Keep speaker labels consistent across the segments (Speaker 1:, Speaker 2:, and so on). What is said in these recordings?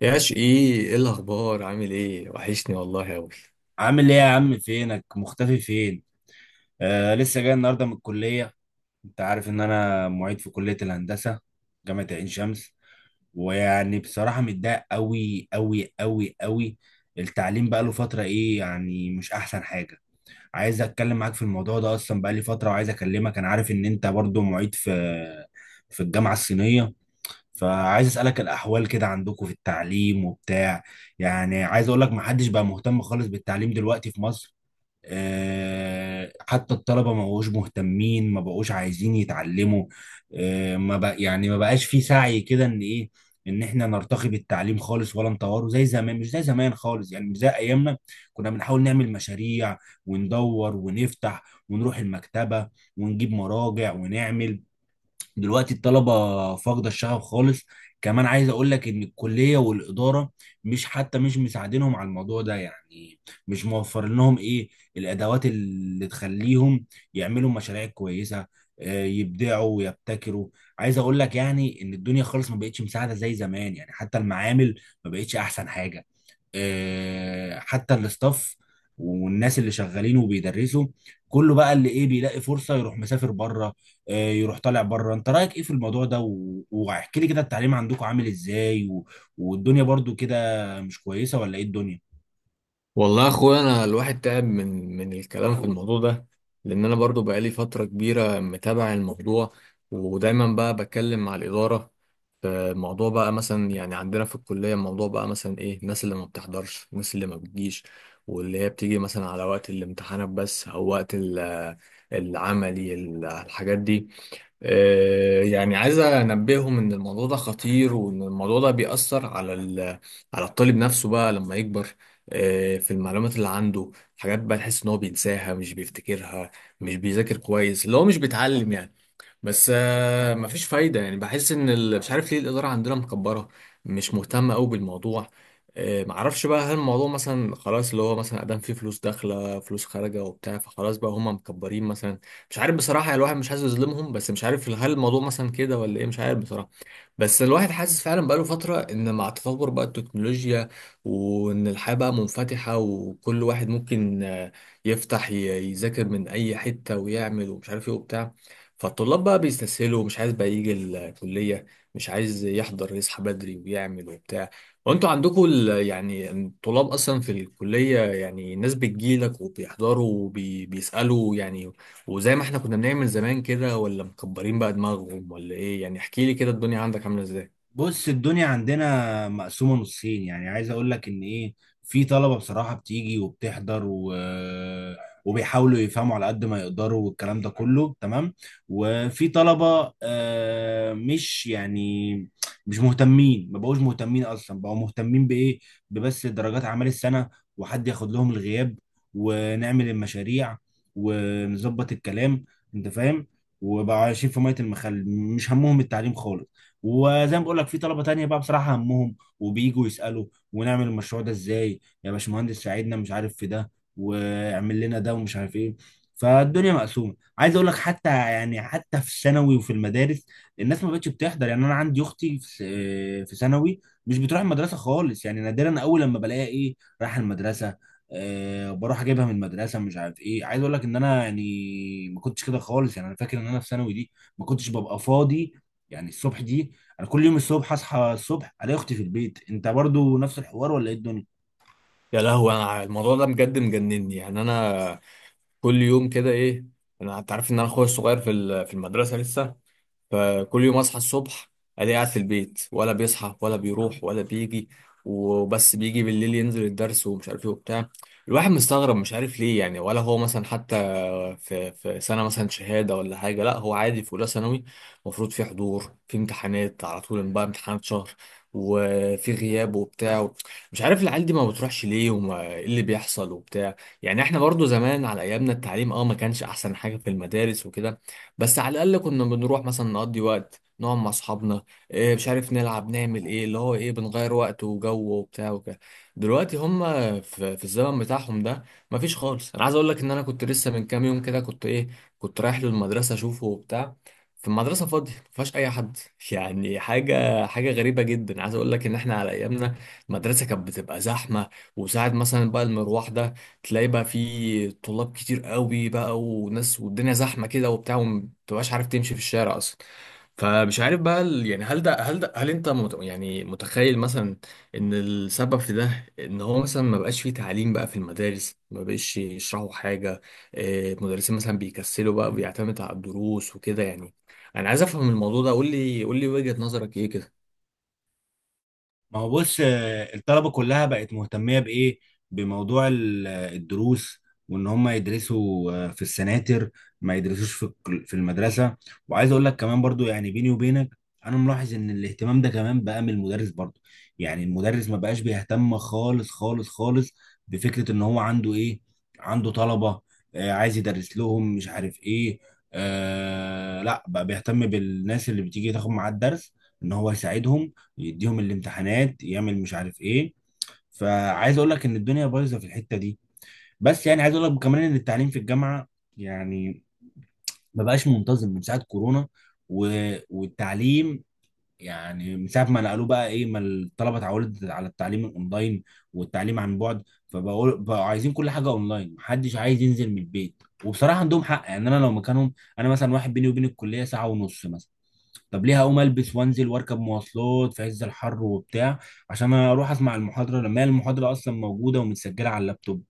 Speaker 1: يا شقي، ايه الاخبار؟ عامل ايه؟ وحشني والله اوي.
Speaker 2: عامل ايه يا عم؟ فينك مختفي فين؟ آه، لسه جاي النهارده من الكليه. انت عارف ان انا معيد في كليه الهندسه، جامعه عين شمس. ويعني بصراحه متضايق قوي قوي قوي قوي. التعليم بقى له فتره ايه يعني، مش احسن حاجه. عايز اتكلم معاك في الموضوع ده، اصلا بقى لي فتره وعايز اكلمك. انا عارف ان انت برضو معيد في الجامعه الصينيه، فعايز اسالك الاحوال كده عندكم في التعليم وبتاع. يعني عايز اقول لك محدش بقى مهتم خالص بالتعليم دلوقتي في مصر. آه، حتى الطلبة ما بقوش مهتمين، ما بقوش عايزين يتعلموا. آه، ما بق يعني ما بقاش في سعي كده ان ايه، ان احنا نرتقي بالتعليم خالص ولا نطوره زي زمان. مش زي زمان خالص، يعني مش زي ايامنا. كنا بنحاول نعمل مشاريع وندور ونفتح، ونروح المكتبة ونجيب مراجع ونعمل. دلوقتي الطلبة فاقدة الشغف خالص. كمان عايز اقول لك ان الكلية والإدارة مش مساعدينهم على الموضوع ده، يعني مش موفر لهم ايه، الادوات اللي تخليهم يعملوا مشاريع كويسة، آه، يبدعوا ويبتكروا. عايز اقول لك يعني ان الدنيا خالص ما بقتش مساعدة زي زمان. يعني حتى المعامل ما بقتش احسن حاجة. آه، حتى الاستاف والناس اللي شغالين وبيدرسوا، كله بقى اللي ايه، بيلاقي فرصة يروح مسافر بره. آه، يروح طالع بره. انت رأيك ايه في الموضوع ده؟ واحكي لي كده التعليم عندكم عامل ازاي، والدنيا برضو كده مش كويسة ولا ايه الدنيا؟
Speaker 1: والله يا اخويا انا الواحد تعب من الكلام في الموضوع ده، لان انا برضو بقالي فتره كبيره متابع الموضوع، ودايما بقى بتكلم مع الاداره في موضوع بقى مثلا، يعني عندنا في الكليه الموضوع بقى مثلا ايه؟ الناس اللي ما بتحضرش، الناس اللي ما بتجيش واللي هي بتيجي مثلا على وقت الامتحانات بس، او وقت العملي، الحاجات دي. يعني عايز انبههم ان الموضوع ده خطير، وان الموضوع ده بيأثر على على الطالب نفسه بقى لما يكبر، في المعلومات اللي عنده. حاجات بقى تحس ان هو بينساها، مش بيفتكرها، مش بيذاكر كويس، اللي هو مش بيتعلم يعني. بس مفيش فايدة يعني. بحس ان مش عارف ليه الإدارة عندنا مكبرة، مش مهتمة قوي بالموضوع. معرفش بقى هل الموضوع مثلا خلاص اللي هو مثلا ادام في فلوس داخلة فلوس خارجة وبتاع، فخلاص بقى هما مكبرين مثلا. مش عارف بصراحة يعني، الواحد مش عايز يظلمهم، بس مش عارف هل الموضوع مثلا كده ولا ايه. مش عارف بصراحة. بس الواحد حاسس فعلا بقاله فترة ان مع تطور بقى التكنولوجيا، وان الحياة بقى منفتحة، وكل واحد ممكن يفتح ي- يذاكر من اي حتة، ويعمل ومش عارف ايه وبتاع. فالطلاب بقى بيستسهلوا، مش عايز بقى يجي الكلية، مش عايز يحضر، يصحى بدري ويعمل وبتاع. وانتوا عندكم يعني الطلاب اصلا في الكلية، يعني الناس بتجيلك وبيحضروا وبيسألوا يعني، وزي ما احنا كنا بنعمل زمان كده؟ ولا مكبرين بقى دماغهم ولا ايه يعني؟ احكي لي كده الدنيا عندك عاملة ازاي.
Speaker 2: بص، الدنيا عندنا مقسومة نصين. يعني عايز اقول لك ان ايه، في طلبة بصراحة بتيجي وبتحضر وبيحاولوا يفهموا على قد ما يقدروا، والكلام ده كله تمام. وفي طلبة، آه، مش يعني مش مهتمين، ما بقوش مهتمين، اصلا بقوا مهتمين بايه؟ ببس درجات اعمال السنة، وحد ياخد لهم الغياب، ونعمل المشاريع ونظبط الكلام. انت فاهم؟ وبقوا عايشين في مية المخل، مش همهم التعليم خالص. وزي ما بقول لك، في طلبه تانية بقى بصراحه همهم وبييجوا يسالوا، ونعمل المشروع ده ازاي يا باشمهندس، ساعدنا مش عارف في ده، واعمل لنا ده ومش عارف ايه. فالدنيا مقسومه. عايز اقول لك حتى يعني، حتى في الثانوي وفي المدارس، الناس ما بقتش بتحضر. يعني انا عندي اختي في ثانوي، مش بتروح المدرسه خالص. يعني نادرا اول لما بلاقيها ايه، رايحه المدرسه. أه، بروح اجيبها من المدرسه مش عارف ايه. عايز اقول لك ان انا يعني ما كنتش كده خالص. يعني انا فاكر ان انا في ثانوي دي ما كنتش ببقى فاضي، يعني الصبح دي انا كل يوم الصبح اصحى الصبح الاقي اختي في البيت. انت برضو نفس الحوار ولا ايه الدنيا؟
Speaker 1: يا لهوي، انا الموضوع ده بجد مجنني يعني، انا كل يوم كده ايه. انا، انت عارف ان انا اخويا الصغير في في المدرسة لسه، فكل يوم اصحى الصبح الاقيه قاعد في البيت، ولا بيصحى ولا بيروح ولا بيجي، وبس بيجي بالليل ينزل الدرس ومش عارف ايه وبتاع. الواحد مستغرب، مش عارف ليه يعني. ولا هو مثلا حتى في سنة مثلا شهادة ولا حاجة، لا هو عادي في أولى ثانوي. المفروض في حضور، في امتحانات على طول بقى، امتحانات شهر، وفي غياب وبتاع. مش عارف العيال دي ما بتروحش ليه، وما ايه اللي بيحصل وبتاع. يعني احنا برضو زمان على ايامنا التعليم، اه، ما كانش احسن حاجة في المدارس وكده، بس على الاقل كنا بنروح مثلا نقضي وقت، نقعد مع اصحابنا إيه، مش عارف، نلعب، نعمل ايه، اللي هو ايه، بنغير وقت وجو وبتاع وكده. دلوقتي هم في الزمن بتاعهم ده مفيش خالص. انا عايز اقول لك ان انا كنت لسه من كام يوم كده كنت ايه، كنت رايح له المدرسه اشوفه وبتاع، في المدرسه فاضيه مفيهاش اي حد يعني. حاجه حاجه غريبه جدا. عايز اقول لك ان احنا على ايامنا المدرسه كانت بتبقى زحمه، وساعه مثلا بقى المروح ده تلاقي بقى في طلاب كتير قوي بقى، وناس والدنيا زحمه كده وبتاع، ومتبقاش عارف تمشي في الشارع اصلا. فمش عارف بقى يعني هل انت مت يعني، متخيل مثلا ان السبب في ده ان هو مثلا ما بقاش فيه تعليم بقى في المدارس، ما بقاش يشرحوا حاجة. المدرسين مثلا بيكسلوا بقى، بيعتمدوا على الدروس وكده يعني. انا عايز افهم الموضوع ده، قول لي قول لي وجهة نظرك ايه كده.
Speaker 2: ما هو بص، آه، الطلبة كلها بقت مهتمية بإيه؟ بموضوع آه، الدروس. وإن هم يدرسوا، آه، في السناتر، ما يدرسوش في في المدرسة. وعايز أقول لك كمان برضو يعني بيني وبينك، أنا ملاحظ إن الاهتمام ده كمان بقى من المدرس برضو. يعني المدرس ما بقاش بيهتم خالص خالص خالص بفكرة إن هو عنده إيه؟ عنده طلبة، آه، عايز يدرس لهم مش عارف إيه. آه، لا بقى بيهتم بالناس اللي بتيجي تاخد معاه الدرس، إن هو يساعدهم، يديهم الامتحانات، يعمل مش عارف ايه. فعايز اقول لك ان الدنيا بايظه في الحته دي. بس يعني عايز اقول لك كمان ان التعليم في الجامعه يعني ما بقاش منتظم من ساعه كورونا و... والتعليم يعني من ساعه ما نقلوه بقى ايه، ما الطلبه اتعودت على التعليم الاونلاين والتعليم عن بعد. فبقول بقوا عايزين كل حاجه اونلاين، محدش عايز ينزل من البيت. وبصراحه عندهم حق، يعني انا لو مكانهم، انا مثلا واحد بيني وبين الكليه ساعه ونص مثلا، طب ليه هقوم البس وانزل واركب مواصلات في عز الحر وبتاع عشان اروح اسمع المحاضره، لما هي المحاضره اصلا موجوده ومتسجله على اللابتوب.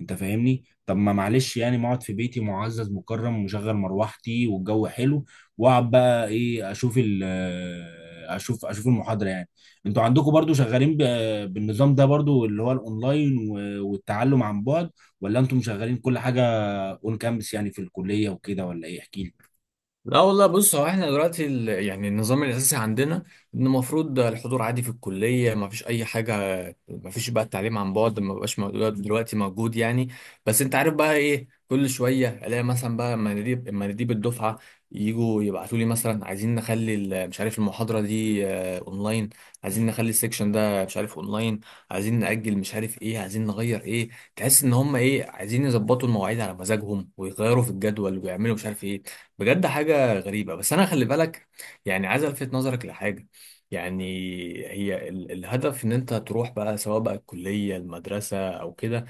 Speaker 2: انت فاهمني؟ طب ما معلش يعني، ما اقعد في بيتي معزز مكرم مشغل مروحتي والجو حلو، واقعد بقى ايه، اشوف ال آه، اشوف اشوف المحاضره يعني. انتوا عندكم برضو شغالين بالنظام ده برضو، اللي هو الاونلاين والتعلم عن بعد، ولا انتم شغالين كل حاجه اون كامبس يعني في الكليه وكده ولا ايه؟ احكي لي.
Speaker 1: لا والله، بص، هو احنا دلوقتي يعني النظام الاساسي عندنا ان المفروض الحضور عادي في الكلية، ما فيش اي حاجة، ما فيش بقى التعليم عن بعد، ما بقاش موجود دلوقتي موجود يعني. بس انت عارف بقى ايه؟ كل شويه الاقي مثلا بقى مناديب مناديب الدفعه يجوا يبعتوا لي مثلا عايزين نخلي مش عارف المحاضره دي اونلاين، عايزين نخلي السكشن ده مش عارف اونلاين، عايزين ناجل مش عارف ايه، عايزين نغير ايه. تحس ان هم ايه، عايزين يظبطوا المواعيد على مزاجهم، ويغيروا في الجدول، ويعملوا مش عارف ايه. بجد حاجه غريبه. بس انا خلي بالك، يعني عايز الفت نظرك لحاجه يعني. هي الهدف ان انت تروح بقى سواء بقى الكلية المدرسة او كده،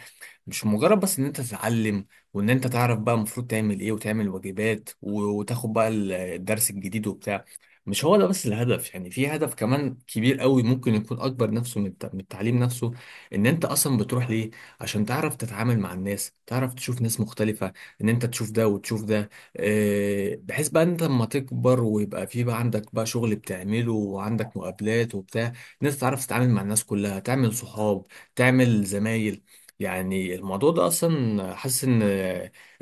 Speaker 1: مش مجرد بس ان انت تتعلم وان انت تعرف بقى المفروض تعمل ايه، وتعمل واجبات وتاخد بقى الدرس الجديد وبتاع. مش هو ده بس الهدف يعني، في هدف كمان كبير قوي ممكن يكون اكبر نفسه من من التعليم نفسه، ان انت اصلا بتروح ليه عشان تعرف تتعامل مع الناس، تعرف تشوف ناس مختلفة، ان انت تشوف ده وتشوف ده، بحيث بقى انت لما تكبر ويبقى في بقى عندك بقى شغل بتعمله، وعندك مقابلات وبتاع، ان انت تعرف تتعامل مع الناس كلها، تعمل صحاب، تعمل زمايل. يعني الموضوع ده اصلا حاسس ان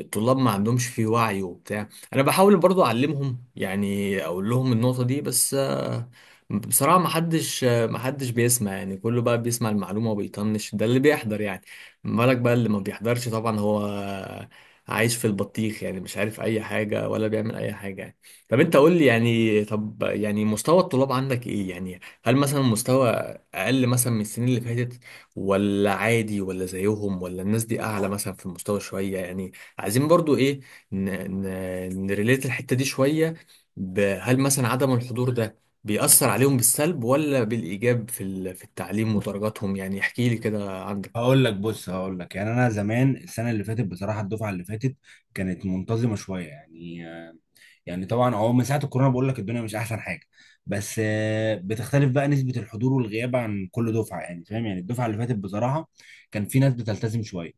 Speaker 1: الطلاب ما عندهمش فيه وعي وبتاع. انا بحاول برضو اعلمهم يعني، اقول لهم النقطة دي، بس بصراحة ما حدش بيسمع يعني. كله بقى بيسمع المعلومة وبيطنش، ده اللي بيحضر يعني. ما بالك بقى اللي ما بيحضرش؟ طبعا هو عايش في البطيخ يعني، مش عارف اي حاجة، ولا بيعمل اي حاجة يعني. طب انت قول لي يعني، طب يعني مستوى الطلاب عندك ايه يعني؟ هل مثلا مستوى اقل مثلا من السنين اللي فاتت؟ ولا عادي ولا زيهم، ولا الناس دي اعلى مثلا في المستوى شويه يعني. عايزين برضو ايه، ن... نريليت الحته دي شويه. هل مثلا عدم الحضور ده بيأثر عليهم بالسلب ولا بالإيجاب في في التعليم ودرجاتهم؟ يعني احكي لي كده عندك.
Speaker 2: هقول لك، بص هقول لك، يعني انا زمان السنه اللي فاتت بصراحه، الدفعه اللي فاتت كانت منتظمه شويه يعني آه، يعني طبعا هو من ساعه الكورونا بقول لك الدنيا مش احسن حاجه. بس آه، بتختلف بقى نسبه الحضور والغياب عن كل دفعه، يعني فاهم؟ يعني الدفعه اللي فاتت بصراحه كان في ناس بتلتزم شويه،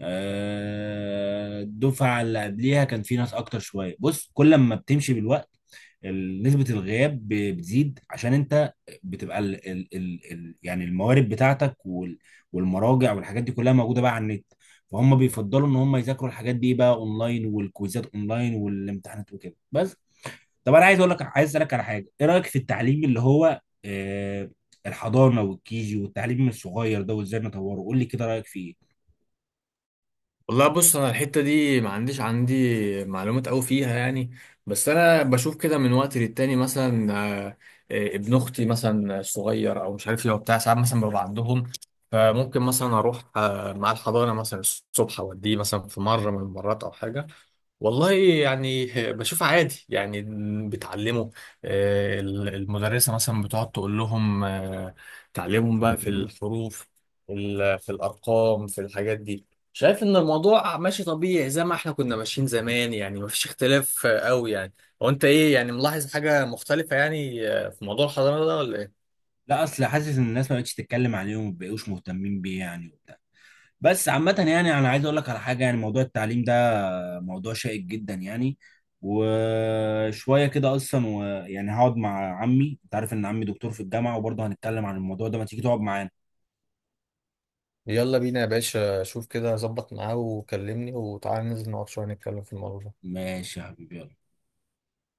Speaker 2: آه، الدفعه اللي قبليها كان في ناس اكتر شويه. بص، كل ما بتمشي بالوقت، نسبة الغياب بتزيد، عشان انت بتبقى ال يعني الموارد بتاعتك والمراجع والحاجات دي كلها موجودة بقى على النت. فهم بيفضلوا ان هم يذاكروا الحاجات دي بقى اونلاين، والكويزات اونلاين والامتحانات وكده بس. طب انا عايز اقول لك، عايز اسالك على حاجة، ايه رأيك في التعليم اللي هو آه، الحضانة والكيجي والتعليم الصغير ده، وازاي نطوره؟ قول لي كده رأيك فيه ايه.
Speaker 1: والله، بص، انا الحته دي ما عنديش عندي معلومات قوي فيها يعني، بس انا بشوف كده من وقت للتاني مثلا. آه، ابن اختي مثلا صغير او مش عارف ايه وبتاع، ساعات مثلا ببقى عندهم، فممكن مثلا اروح مع الحضانه مثلا الصبح، اوديه مثلا في مره من المرات او حاجه. والله يعني، بشوف عادي يعني، بتعلمه. المدرسة مثلا بتقعد تقول لهم تعلمهم بقى في الحروف، في في الأرقام، في الحاجات دي. شايف إن الموضوع ماشي طبيعي زي ما احنا كنا ماشيين زمان يعني، مفيش اختلاف قوي يعني. هو أنت إيه يعني، ملاحظ حاجة مختلفة يعني في موضوع الحضانة ده ولا إيه؟
Speaker 2: لا، اصل حاسس ان الناس ما بقتش تتكلم عليهم وما بقوش مهتمين بيه يعني وبتاع. بس عامة يعني انا عايز اقول لك على حاجة، يعني موضوع التعليم ده موضوع شائك جدا يعني، وشويه كده اصلا. ويعني هقعد مع عمي، انت عارف ان عمي دكتور في الجامعه، وبرضه هنتكلم عن الموضوع ده، ما تيجي تقعد معانا.
Speaker 1: يلا بينا يا باشا، شوف كده ظبط معاه وكلمني، وتعالى ننزل نقعد شوية نتكلم في الموضوع ده.
Speaker 2: ماشي يا حبيبي، يلا.